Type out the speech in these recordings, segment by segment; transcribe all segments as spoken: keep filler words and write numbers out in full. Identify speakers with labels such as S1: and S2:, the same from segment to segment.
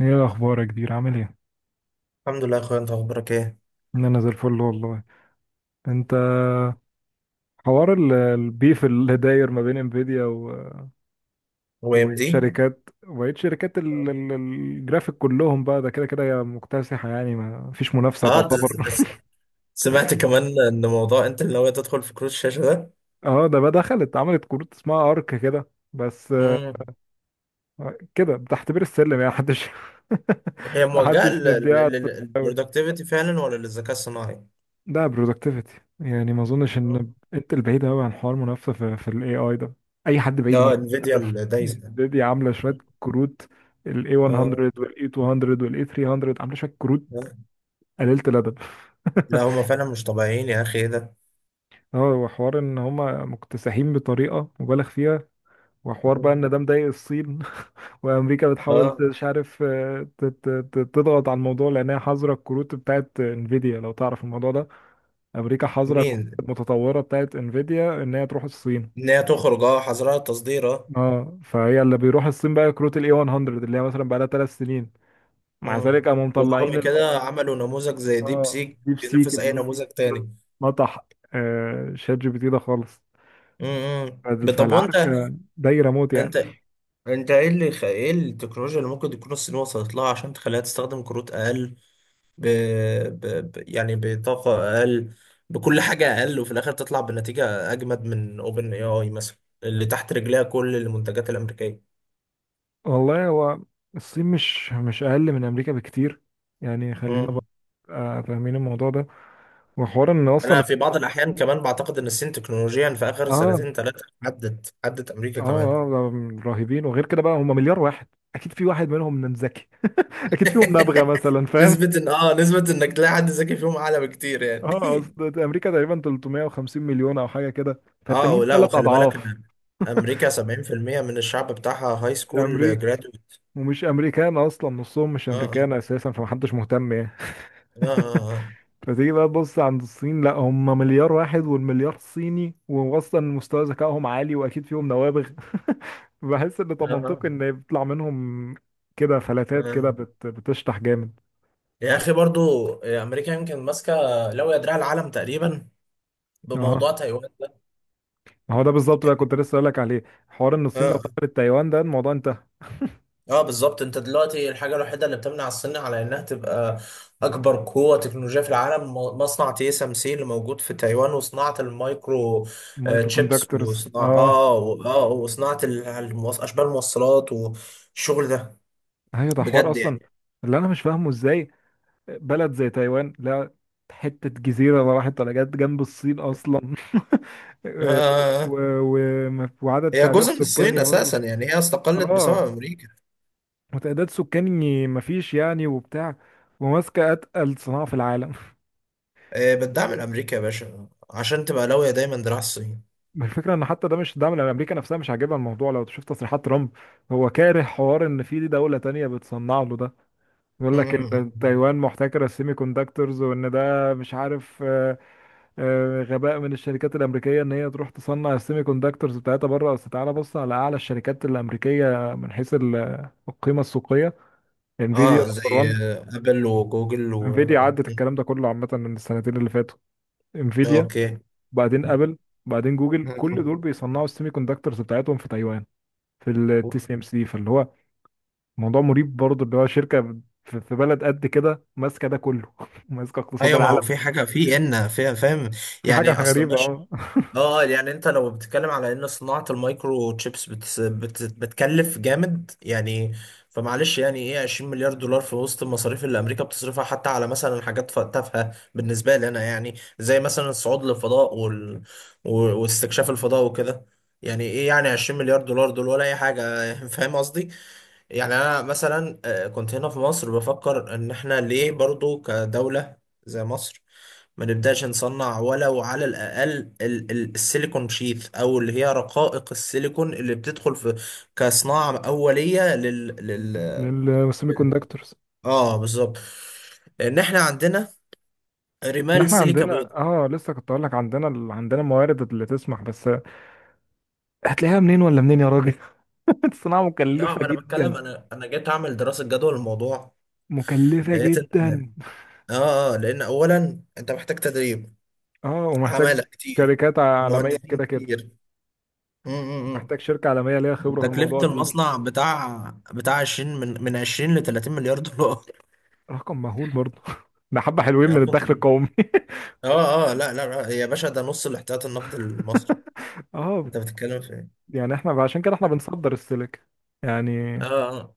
S1: ايه الاخبار يا كبير؟ عامل ايه؟
S2: الحمد لله يا اخويا، انت اخبارك ايه؟
S1: إن انا زي الفل والله. انت؟ حوار ال- البيف اللي داير ما بين انفيديا و-
S2: هو ام
S1: وبقيه
S2: دي.
S1: شركات وبقيه شركات ال- ال- الجرافيك كلهم. بقى ده كده كده هي مكتسحه، يعني ما فيش منافسه
S2: اه د-
S1: تعتبر.
S2: س- سمعت كمان ان موضوع انت اللي ناوي تدخل في كروت الشاشه ده.
S1: اه، ده بقى دخلت عملت كروت اسمها ارك كده بس.
S2: مم.
S1: آه، كده بتحتبر السلم، يعني محدش
S2: هي موجهه
S1: محدش مديها.
S2: للبرودكتيفيتي فعلا ولا للذكاء الصناعي؟
S1: ده برودكتيفيتي، يعني ما اظنش
S2: مم.
S1: ان انت البعيد قوي عن حوار منافسه في, في الاي اي ده. اي حد بعيد
S2: اه
S1: ممكن
S2: انفيديا
S1: حتى.
S2: الدايسه.
S1: دي عامله شويه كروت: الاي مية، والاي ميتين،
S2: اه.
S1: والاي ثلاث مية، عامله شويه كروت
S2: آه.
S1: قليله الادب.
S2: لا هما فعلا مش طبيعيين يا اخي، ايه ده؟
S1: اه هو حوار ان هما مكتسحين بطريقه مبالغ فيها، وحوار بقى
S2: مم.
S1: ان ده مضايق الصين. وامريكا بتحاول ت-
S2: اه
S1: مش عارف، آه، ت- ت- ت- تضغط على الموضوع، لانها حظر الكروت بتاعت انفيديا، لو تعرف الموضوع ده. امريكا حظر الكروت
S2: مين؟
S1: المتطوره بتاعت انفيديا ان هي تروح الصين.
S2: ان هي تخرج، اه حظرها التصدير، اه.
S1: اه، فهي اللي بيروح الصين بقى كروت الاي هاندرد، اللي هي مثلا بقى لها ثلاث سنين. مع ذلك
S2: مم.
S1: قاموا مطلعين
S2: ورغم
S1: ال-
S2: كده عملوا نموذج زي ديب
S1: اه
S2: سيك
S1: ديب سيك
S2: بينافس اي
S1: اللي هو
S2: نموذج تاني.
S1: نطح آه شات جي بي تي ده خالص.
S2: مم. طب وانت
S1: فالعركه دايره موت يعني.
S2: انت انت ايه اللي خ... ايه التكنولوجيا اللي ممكن تكون الصين وصلت لها عشان تخليها تستخدم كروت اقل، ب... ب... ب... يعني بطاقة اقل، بكل حاجة اقل، وفي الاخر تطلع بنتيجة اجمد من اوبن اي اي مثلا، اللي تحت رجليها كل المنتجات الامريكية.
S1: والله، هو الصين مش مش اقل من امريكا بكتير، يعني. خلينا بقى
S2: مم.
S1: آه، فاهمين الموضوع ده. وحوار ان اصلا،
S2: انا في بعض الاحيان كمان بعتقد ان الصين تكنولوجيا في اخر
S1: اه
S2: سنتين ثلاثة عدت عدت امريكا
S1: اه
S2: كمان.
S1: اه، آه، رهيبين. وغير كده، بقى هم مليار واحد، اكيد في واحد منهم ذكي. اكيد فيهم نابغه مثلا، فاهم.
S2: نسبة ان اه نسبة انك تلاقي حد ذكي فيهم اعلى بكتير يعني.
S1: اه، اصل امريكا تقريبا ثلاثمائة وخمسين مليون او حاجه كده،
S2: اه
S1: فالتانيين
S2: ولا،
S1: ثلاث
S2: وخلي بالك
S1: اضعاف.
S2: ان امريكا سبعين في المية من الشعب بتاعها هاي
S1: مش
S2: سكول
S1: امريكا.
S2: جرادويت.
S1: ومش امريكان اصلا، نصهم مش
S2: اه اه
S1: امريكان اساسا، فمحدش مهتم يعني.
S2: اه اه.
S1: فتيجي بقى تبص عند الصين، لا، هم مليار واحد، والمليار صيني، واصلا مستوى ذكائهم عالي، واكيد فيهم نوابغ. بحس ان،
S2: آه.
S1: طب،
S2: آه.
S1: منطقي ان يطلع منهم كده فلاتات
S2: آه.
S1: كده، بت... بتشطح جامد.
S2: يا اخي برضو امريكا يمكن ماسكه لو يدرع العالم تقريبا
S1: اها،
S2: بموضوع تايوان ده.
S1: ما هو ده بالظبط بقى، كنت لسه اقول لك عليه. حوار ان
S2: اه
S1: الصين لو
S2: اه.
S1: دخلت تايوان ده الموضوع انتهى.
S2: آه، بالظبط. انت دلوقتي الحاجه الوحيده اللي بتمنع الصين على انها تبقى اكبر قوه تكنولوجيه في العالم م- مصنع تي اس ام سي اللي موجود في تايوان، وصناعه المايكرو آه،
S1: مايكرو
S2: تشيبس،
S1: كوندكتورز،
S2: وصناعه
S1: اه.
S2: اه و- اه وصناعه ال- الموص- اشباه الموصلات والشغل ده
S1: ايوه، ده حوار
S2: بجد
S1: اصلا.
S2: يعني.
S1: اللي انا مش فاهمه، ازاي بلد زي تايوان، لا، حتة جزيرة، ما راحت ولا جت جنب الصين اصلا. و...
S2: آه.
S1: و... وعدد
S2: هي
S1: تعداد
S2: جزء من
S1: سكاني
S2: الصين
S1: برضو.
S2: اساسا، يعني هي استقلت بسبب
S1: اه،
S2: امريكا.
S1: وتعداد سكاني مفيش يعني، وبتاع، وماسكة اتقل صناعة في العالم.
S2: آه، بتدعم الامريكا يا باشا عشان تبقى لاوية دايما دراع الصين.
S1: الفكرة ان حتى ده، مش ده من امريكا نفسها مش عاجبها الموضوع، لو تشوف تصريحات ترامب. هو كاره حوار ان في دولة تانية بتصنع له ده. بيقول لك ان
S2: مم.
S1: تايوان محتكره السيمي كوندكتورز، وان ده مش عارف، آه، آه، غباء من الشركات الامريكيه ان هي تروح تصنع السيمي كوندكتورز بتاعتها بره. اصل تعالى بص على اعلى الشركات الامريكيه من حيث ال- القيمه السوقيه: انفيديا
S2: اه
S1: نمبر
S2: زي
S1: وان.
S2: آه، ابل وجوجل و
S1: انفيديا
S2: آه،
S1: عدت الكلام ده كله عامه من السنتين اللي فاتوا. انفيديا،
S2: اوكي.
S1: وبعدين ابل، وبعدين جوجل، كل
S2: مم.
S1: دول بيصنعوا السيمي كوندكتورز بتاعتهم في تايوان، في التي سي ام سي. فاللي هو موضوع مريب برضه، اللي هو شركة في في بلد قد كده ماسكة ده كله. ماسكة اقتصاد
S2: ايوه ما
S1: العالم.
S2: هو في حاجه في ان فيها فاهم،
S1: في حاجة
S2: يعني اصلا.
S1: غريبة، اه.
S2: اه، يعني انت لو بتتكلم على ان صناعة المايكرو تشيبس بت... بت... بتكلف جامد يعني، فمعلش، يعني ايه عشرين مليار دولار في وسط المصاريف اللي امريكا بتصرفها حتى على مثلا حاجات ف- تافهة بالنسبة لي انا، يعني زي مثلا الصعود للفضاء وال... و... واستكشاف الفضاء وكده، يعني ايه يعني عشرين مليار دولار دول ولا اي حاجة. فاهم قصدي؟ يعني انا مثلا آه، كنت هنا في مصر بفكر ان احنا ليه برضو كدولة زي مصر ما نبداش نصنع ولو على الاقل ال- ال- السيليكون شيث، او اللي هي رقائق السيليكون اللي بتدخل في كصناعه اوليه لل, لل...
S1: للسيمي
S2: لل...
S1: كوندكتورز.
S2: اه بالظبط، ان احنا عندنا
S1: ان
S2: رمال
S1: احنا
S2: سيليكا بيضاء.
S1: عندنا، اه، لسه كنت اقول لك، عندنا ال- عندنا الموارد اللي تسمح. بس هتلاقيها منين ولا منين يا راجل؟ الصناعة
S2: نعم
S1: مكلفة
S2: انا بتكلم،
S1: جدا،
S2: انا انا جيت اعمل دراسه جدوى للموضوع،
S1: مكلفة
S2: لقيت ان
S1: جدا.
S2: اه اه، لان اولا انت محتاج تدريب،
S1: اه، ومحتاج
S2: عماله كتير،
S1: شركات عالمية
S2: مهندسين
S1: كده كده،
S2: كتير. م- م- م.
S1: محتاج شركة عالمية ليها خبرة في الموضوع
S2: وتكلفة
S1: تيجي.
S2: المصنع بتاع بتاع عشرين، من من عشرين ل تلاتين مليار دولار.
S1: رقم مهول برضه. ده حبة حلوين من
S2: عارف انت
S1: الدخل
S2: مين؟
S1: القومي.
S2: اه اه، لا لا لا، هي يا باشا ده نص الاحتياط النقد المصري.
S1: اه،
S2: انت بتتكلم في ايه؟
S1: يعني احنا عشان كده احنا بنصدر السيليكا يعني،
S2: اه اه.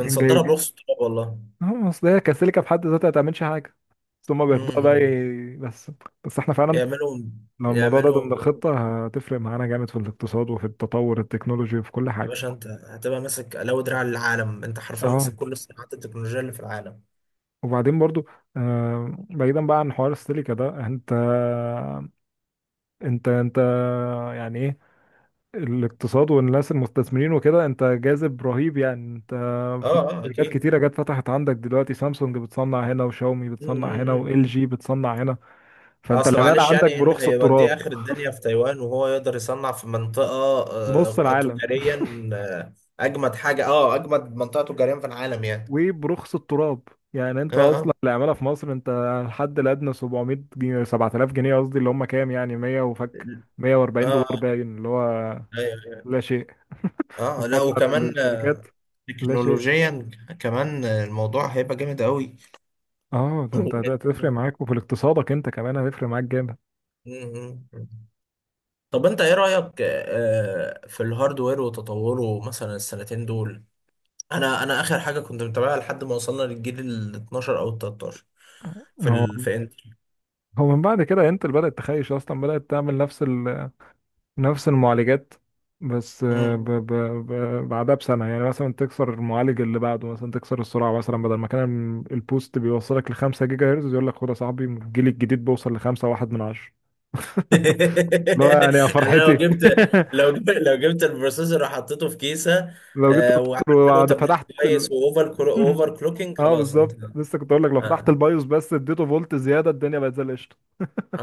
S1: جاي.
S2: برخص التراب والله.
S1: اه، اصل هي كسيليكا في حد ذاتها ما تعملش حاجه، بس هما بياخدوها بقى
S2: امم.
S1: ي- بس، بس احنا فعلا
S2: يعملوا.
S1: لو الموضوع ده
S2: يعملوا
S1: ضمن الخطه هتفرق معانا جامد في الاقتصاد وفي التطور التكنولوجي وفي كل
S2: يا
S1: حاجه.
S2: باشا، انت هتبقى ماسك لو دراع العالم، انت حرفيا
S1: اه،
S2: ماسك كل صناعات التكنولوجيا اللي في العالم.
S1: وبعدين برضو آه بعيدا بقى عن حوار السيليكا ده، انت انت انت يعني ايه الاقتصاد والناس المستثمرين وكده؟ انت جاذب رهيب يعني. انت
S2: اه
S1: في
S2: اه
S1: شركات
S2: اكيد.
S1: كتيرة جت فتحت عندك دلوقتي: سامسونج بتصنع هنا، وشاومي بتصنع هنا،
S2: امم.
S1: وال جي بتصنع هنا. فانت
S2: اصل
S1: العمالة
S2: معلش يعني
S1: عندك
S2: ايه اللي
S1: برخص
S2: هيوديه
S1: التراب،
S2: اخر الدنيا في تايوان وهو يقدر يصنع في منطقة.
S1: بنص
S2: آه
S1: العالم،
S2: تجاريا، آه، اجمد حاجة، اه اجمد منطقة تجاريا في العالم يعني.
S1: وبرخص التراب. يعني
S2: اه
S1: انت اصلا
S2: اه
S1: العمالة في مصر، انت الحد الادنى سبع مية جنيه، سبعة آلاف جنيه قصدي، اللي هم كام يعني؟ مية وفك، 140
S2: اه.
S1: دولار باين، اللي هو
S2: ايوه
S1: لا
S2: ايوه.
S1: شيء
S2: اه، لا
S1: مقارنة
S2: وكمان آه،
S1: للشركات، لا شيء.
S2: تكنولوجيا كمان آه، الموضوع هيبقى جامد قوي.
S1: اه، ده انت هتفرق معاك، وفي اقتصادك انت كمان هتفرق معاك جامد.
S2: طب انت ايه رأيك آه، في الهاردوير وتطوره مثلا السنتين دول؟ انا انا اخر حاجة كنت متابعها لحد ما وصلنا للجيل ال اتناشر او ال تلتاشر في
S1: هو
S2: ال... في انتل.
S1: هو من بعد كده انتل بدأت تخيش اصلا، بدأت تعمل نفس ال... نفس المعالجات، بس آه، ب...
S2: مم.
S1: ب... ب... بعدها بسنة، يعني مثلا تكسر المعالج اللي بعده، مثلا تكسر السرعة. مثلا بدل ما كان البوست بيوصلك لخمسة جيجا هرتز، يقول لك خد يا صاحبي، الجيل الجديد بيوصل لخمسة واحد من عشرة. لا، يعني يا
S2: يعني أنا لو
S1: فرحتي.
S2: جبت، لو جبت لو جبت البروسيسور وحطيته في كيسة،
S1: لو جبت
S2: آه،
S1: البروسيسور
S2: وعملت له
S1: وبعد
S2: تبريد
S1: فتحت
S2: كويس
S1: ال...
S2: واوفر كلو- اوفر كلوكينج،
S1: اه
S2: خلاص انت.
S1: بالظبط، لسه كنت اقول لك، لو فتحت
S2: آه.
S1: البايوس بس اديته فولت زيادة الدنيا بقت زي القشطة.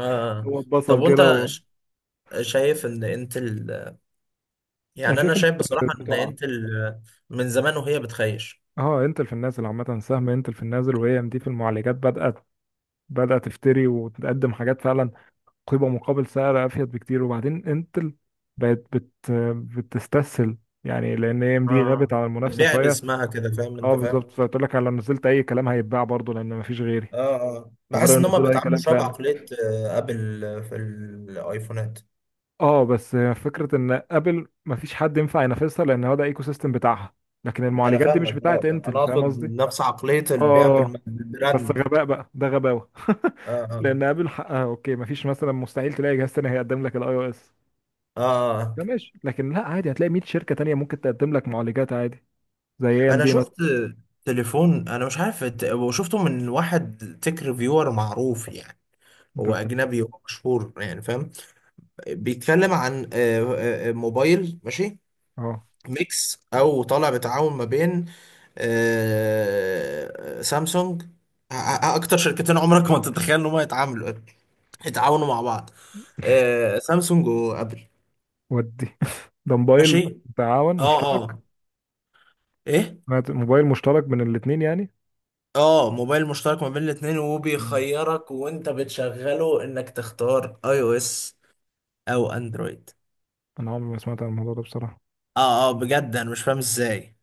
S1: هو
S2: طب
S1: اتبسط
S2: وانت
S1: كده و...
S2: ش- شايف ان انت ال...،
S1: انا
S2: يعني انا
S1: شايف ان
S2: شايف بصراحة ان
S1: بتقع،
S2: انت ال...، من زمان وهي بتخيش.
S1: اه انتل في النازل عامة، سهم انتل في النازل. وهي ام دي في المعالجات بدأت، بدأت تفتري وتقدم حاجات فعلا قيمة مقابل سعر أفيد بكتير. وبعدين انتل بقت بت بتستسهل، يعني لأن ام دي
S2: اه،
S1: غابت عن المنافسة
S2: بتبيع
S1: شوية.
S2: باسمها كده، فاهم
S1: اه
S2: انت، فاهم.
S1: بالظبط، فقلت لك لو نزلت أي كلام هيتباع برضه، لأن مفيش غيري.
S2: اه اه،
S1: فبدأوا
S2: بحس ان هما
S1: ينزلوا أي
S2: بيتعاملوا
S1: كلام
S2: شوية
S1: فعلا.
S2: بعقلية آه، ابل آه، في الايفونات.
S1: اه، بس فكرة إن أبل مفيش حد ينفع ينافسها، لأن هو ده ايكو سيستم بتاعها. لكن
S2: انا
S1: المعالجات دي مش
S2: فاهمك،
S1: بتاعت
S2: اه
S1: انتل،
S2: انا
S1: فاهم
S2: اقصد
S1: قصدي؟
S2: نفس عقلية البيع
S1: اه،
S2: بالم-
S1: بس
S2: بالبراند.
S1: غباء بقى، ده غباوه.
S2: اه اه
S1: لان ابل حقها، اوكي، مفيش مثلا، مستحيل تلاقي جهاز تاني هيقدم لك الاي او اس.
S2: اه. آه.
S1: ده ماشي. لكن لا، عادي هتلاقي مية شركه تانيه ممكن تقدم لك معالجات عادي، زي اي ام
S2: انا
S1: دي
S2: شفت
S1: مثلا.
S2: تليفون، انا مش عارف الت- وشفته من واحد تك ريفيور معروف يعني، هو
S1: ده-
S2: اجنبي ومشهور يعني فاهم. بيتكلم عن آه، آه، آه، موبايل ماشي
S1: اه،
S2: ميكس او طالع بتعاون ما بين آه، سامسونج، آه، آه، اكتر شركتين عمرك ما تتخيل ان هم يتعاملوا، يتعاونوا مع بعض، آه، سامسونج وابل.
S1: ودي ده موبايل
S2: ماشي،
S1: تعاون
S2: اه اه.
S1: مشترك.
S2: ايه.
S1: سمعت- موبايل مشترك من الاثنين يعني.
S2: اه، موبايل مشترك ما بين الاثنين،
S1: مم.
S2: وبيخيرك وانت بتشغله انك تختار اي او اس او اندرويد.
S1: انا عمري ما سمعت عن الموضوع ده بصراحه.
S2: اه اه بجد انا مش فاهم ازاي.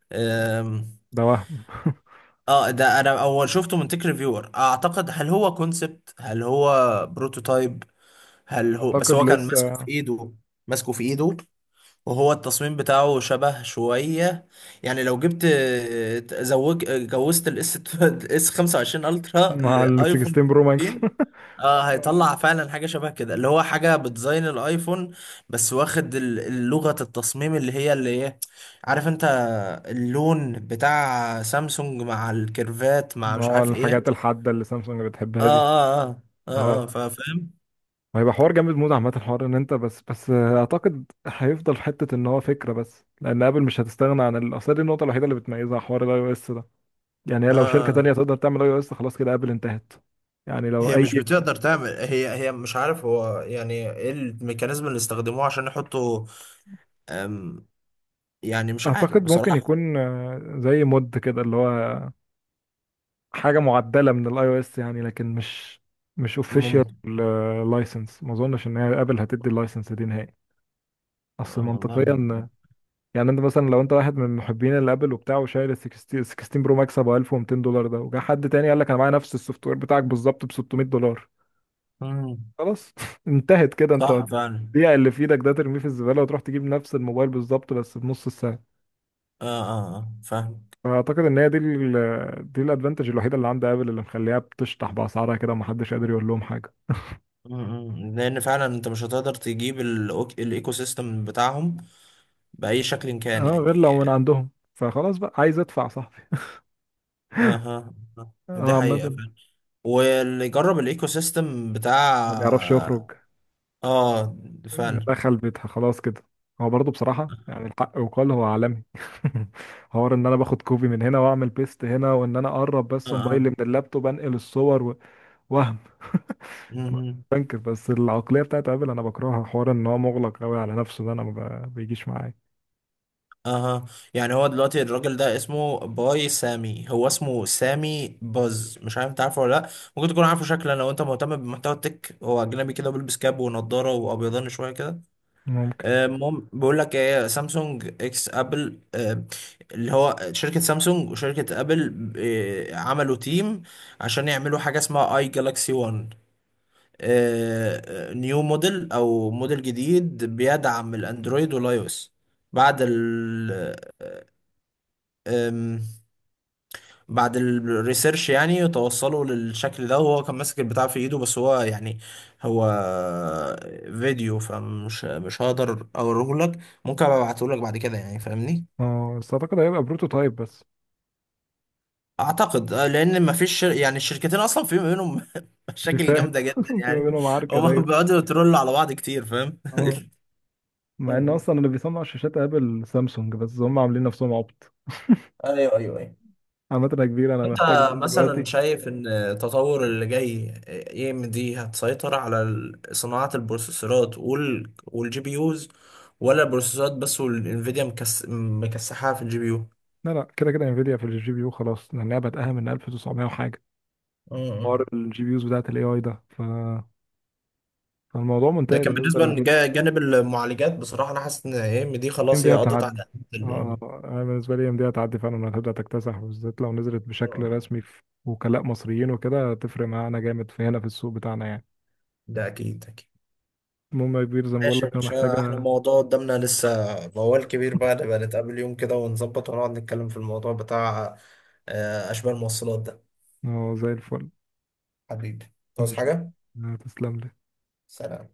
S1: ده وهم.
S2: اه، ده انا اول شفته من تيك ريفيور، اعتقد هل هو كونسبت، هل هو بروتوتايب، هل هو، بس
S1: اعتقد
S2: هو كان ماسكه في
S1: لسه
S2: ايده، ماسكه في ايده، وهو التصميم بتاعه شبه شوية، يعني لو جبت زوج جوزت الاس، الاس خمسه وعشرين الترا
S1: مع ال
S2: لايفون
S1: ستاشر برو ماكس.
S2: خمسة عشر. اه، هيطلع فعلا حاجة شبه كده، اللي هو حاجة بديزاين الايفون بس واخد ال- لغة التصميم اللي هي اللي هي عارف انت، اللون بتاع سامسونج مع الكيرفات مع مش
S1: اه،
S2: عارف ايه.
S1: الحاجات الحاده اللي سامسونج
S2: اه
S1: بتحبها دي.
S2: اه اه اه اه
S1: اه،
S2: فا- فاهم.
S1: هيبقى حوار جامد موت. عامة، حوار ان انت، بس بس اعتقد هيفضل في حتة ان هو فكرة بس، لان ابل مش هتستغنى عن ال- اصل دي النقطة الوحيدة اللي بتميزها، حوار الاي او اس ده. يعني هي
S2: اه.
S1: لو شركة مم.
S2: آه.
S1: تانية تقدر تعمل اي او اس، خلاص كده ابل انتهت. يعني لو
S2: هي
S1: اي،
S2: مش بتقدر تعمل هي هي مش عارف هو يعني ايه الميكانيزم اللي استخدموه عشان يحطوا، أم، يعني مش عارف
S1: اعتقد ممكن
S2: بصراحة.
S1: يكون آه، زي مود كده، اللي هو حاجة معدلة من الاي او اس يعني، لكن مش مش اوفيشال
S2: ممكن.
S1: لايسنس. ما اظنش ان هي ابل هتدي اللايسنس دي نهائي. اصل
S2: آه، والله ما
S1: منطقيا،
S2: عارف.
S1: يعني انت مثلا لو انت واحد من محبين الابل وبتاع، وشايل ال ستة عشر ستة عشر برو ماكس ابو ألف ومتين دولار ده، وجا حد تاني قال لك انا معايا نفس السوفت وير بتاعك بالظبط ب ست مية دولار،
S2: مم.
S1: خلاص. انتهت كده. انت
S2: صح فعلا.
S1: البيع اللي في ايدك ده ترميه في الزباله وتروح تجيب نفس الموبايل بالظبط بس بنص السعر.
S2: اه اه آه، فاهم.
S1: فاعتقد ان هي دي ال دي الادفانتج الوحيده اللي عند ابل، اللي مخليها بتشطح باسعارها كده ومحدش قادر يقول لهم حاجه.
S2: مم، مم. لان فعلا انت مش هتقدر تجيب الأوك- الايكو سيستم بتاعهم بأي شكل
S1: اه،
S2: كان يعني.
S1: غير لو من عندهم، فخلاص بقى عايز ادفع صاحبي.
S2: اها. آه. آه، دي
S1: اه
S2: حقيقة
S1: عمدا.
S2: فعلا. واللي يجرب الايكو سيستم بتاع.
S1: ما بيعرفش يخرج،
S2: اه فعلا.
S1: دخل بيتها خلاص كده. هو برضه بصراحة، يعني الحق وقال، هو عالمي. حوار ان انا باخد كوبي من هنا واعمل بيست هنا، وان انا اقرب بس
S2: اه
S1: موبايلي من اللابتوب انقل الصور و... وهم.
S2: اه.
S1: بنكر، بس العقلية بتاعت ابل انا بكرهها. حوار ان هو مغلق قوي على نفسه، ده انا ما ب- بيجيش معايا.
S2: اها، يعني هو دلوقتي الراجل ده اسمه باي سامي، هو اسمه سامي باز، مش عارف انت عارفه ولا لا، ممكن تكون عارفه شكلا لو انت مهتم بمحتوى التك، هو اجنبي كده بيلبس كاب ونضاره وابيضان شويه كده.
S1: ممكن.
S2: آه، المهم، بيقول لك ايه سامسونج اكس ابل آه، اللي هو شركه سامسونج وشركه ابل آه، عملوا تيم عشان يعملوا حاجه اسمها اي جالاكسي واحد، نيو موديل او موديل جديد بيدعم الاندرويد والاي او اس. بعد أم، بعد الريسيرش يعني توصلوا للشكل ده، وهو كان ماسك البتاع في ايده بس هو يعني هو فيديو فمش مش هقدر اوريه لك، ممكن ابقى ابعته لك بعد كده يعني فاهمني.
S1: اه، بس اعتقد هيبقى بروتوتايب بس.
S2: اعتقد آه، لان ما فيش شر... يعني الشركتين اصلا في ما بينهم مشاكل
S1: بيفاهم.
S2: جامده جدا
S1: في ما
S2: يعني.
S1: بينهم عركة
S2: هما
S1: دايرة.
S2: بيقعدوا يترولوا على بعض كتير فاهم.
S1: اه،
S2: م-
S1: مع ان
S2: م.
S1: اصلا اللي بيصنع شاشات ابل سامسونج، بس هم عاملين نفسهم عبط.
S2: ايوه ايوه ايوه.
S1: عامة يا كبير، انا
S2: انت
S1: محتاج اقوم
S2: مثلا
S1: دلوقتي.
S2: شايف ان التطور اللي جاي اي ام دي هتسيطر على ال- صناعة البروسيسورات وال والجي بي يوز، ولا البروسيسورات بس، والانفيديا مكس... مكسحها في الجي بي يو؟
S1: لا لا، كده كده انفيديا في الجي بي يو خلاص، لانها بدأها من ألف وتسع مية وحاجه.
S2: اه اه.
S1: حوار الجي بي يوز بتاعت الاي اي ده ف... فالموضوع
S2: ده
S1: منتهي
S2: كان
S1: بالنسبه
S2: بالنسبة
S1: لانفيديا.
S2: لجانب المعالجات، بصراحة انا حاسس ان اي ام دي
S1: ام
S2: خلاص هي
S1: دي
S2: قضت
S1: هتعدي.
S2: على ال-
S1: اه،
S2: يعني.
S1: آه، انا بالنسبه لي ام دي هتعدي فعلا، هتبدا تكتسح، بالذات لو نزلت بشكل
S2: آه.
S1: رسمي في وكلاء مصريين وكده، هتفرق معانا جامد في هنا في السوق بتاعنا يعني.
S2: ده اكيد اكيد.
S1: المهم يا كبير، زي ما بقول
S2: ماشي
S1: لك،
S2: يا
S1: انا
S2: باشا، احنا
S1: محتاجه.
S2: الموضوع قدامنا لسه موال كبير بقى، نبقى نتقابل يوم كده ونظبط ونقعد نتكلم في الموضوع بتاع آه، اشباه الموصلات ده.
S1: اه، زي الفل.
S2: حبيبي، تعوز
S1: ماشي.
S2: حاجة؟
S1: آه، تسلم لي
S2: سلام.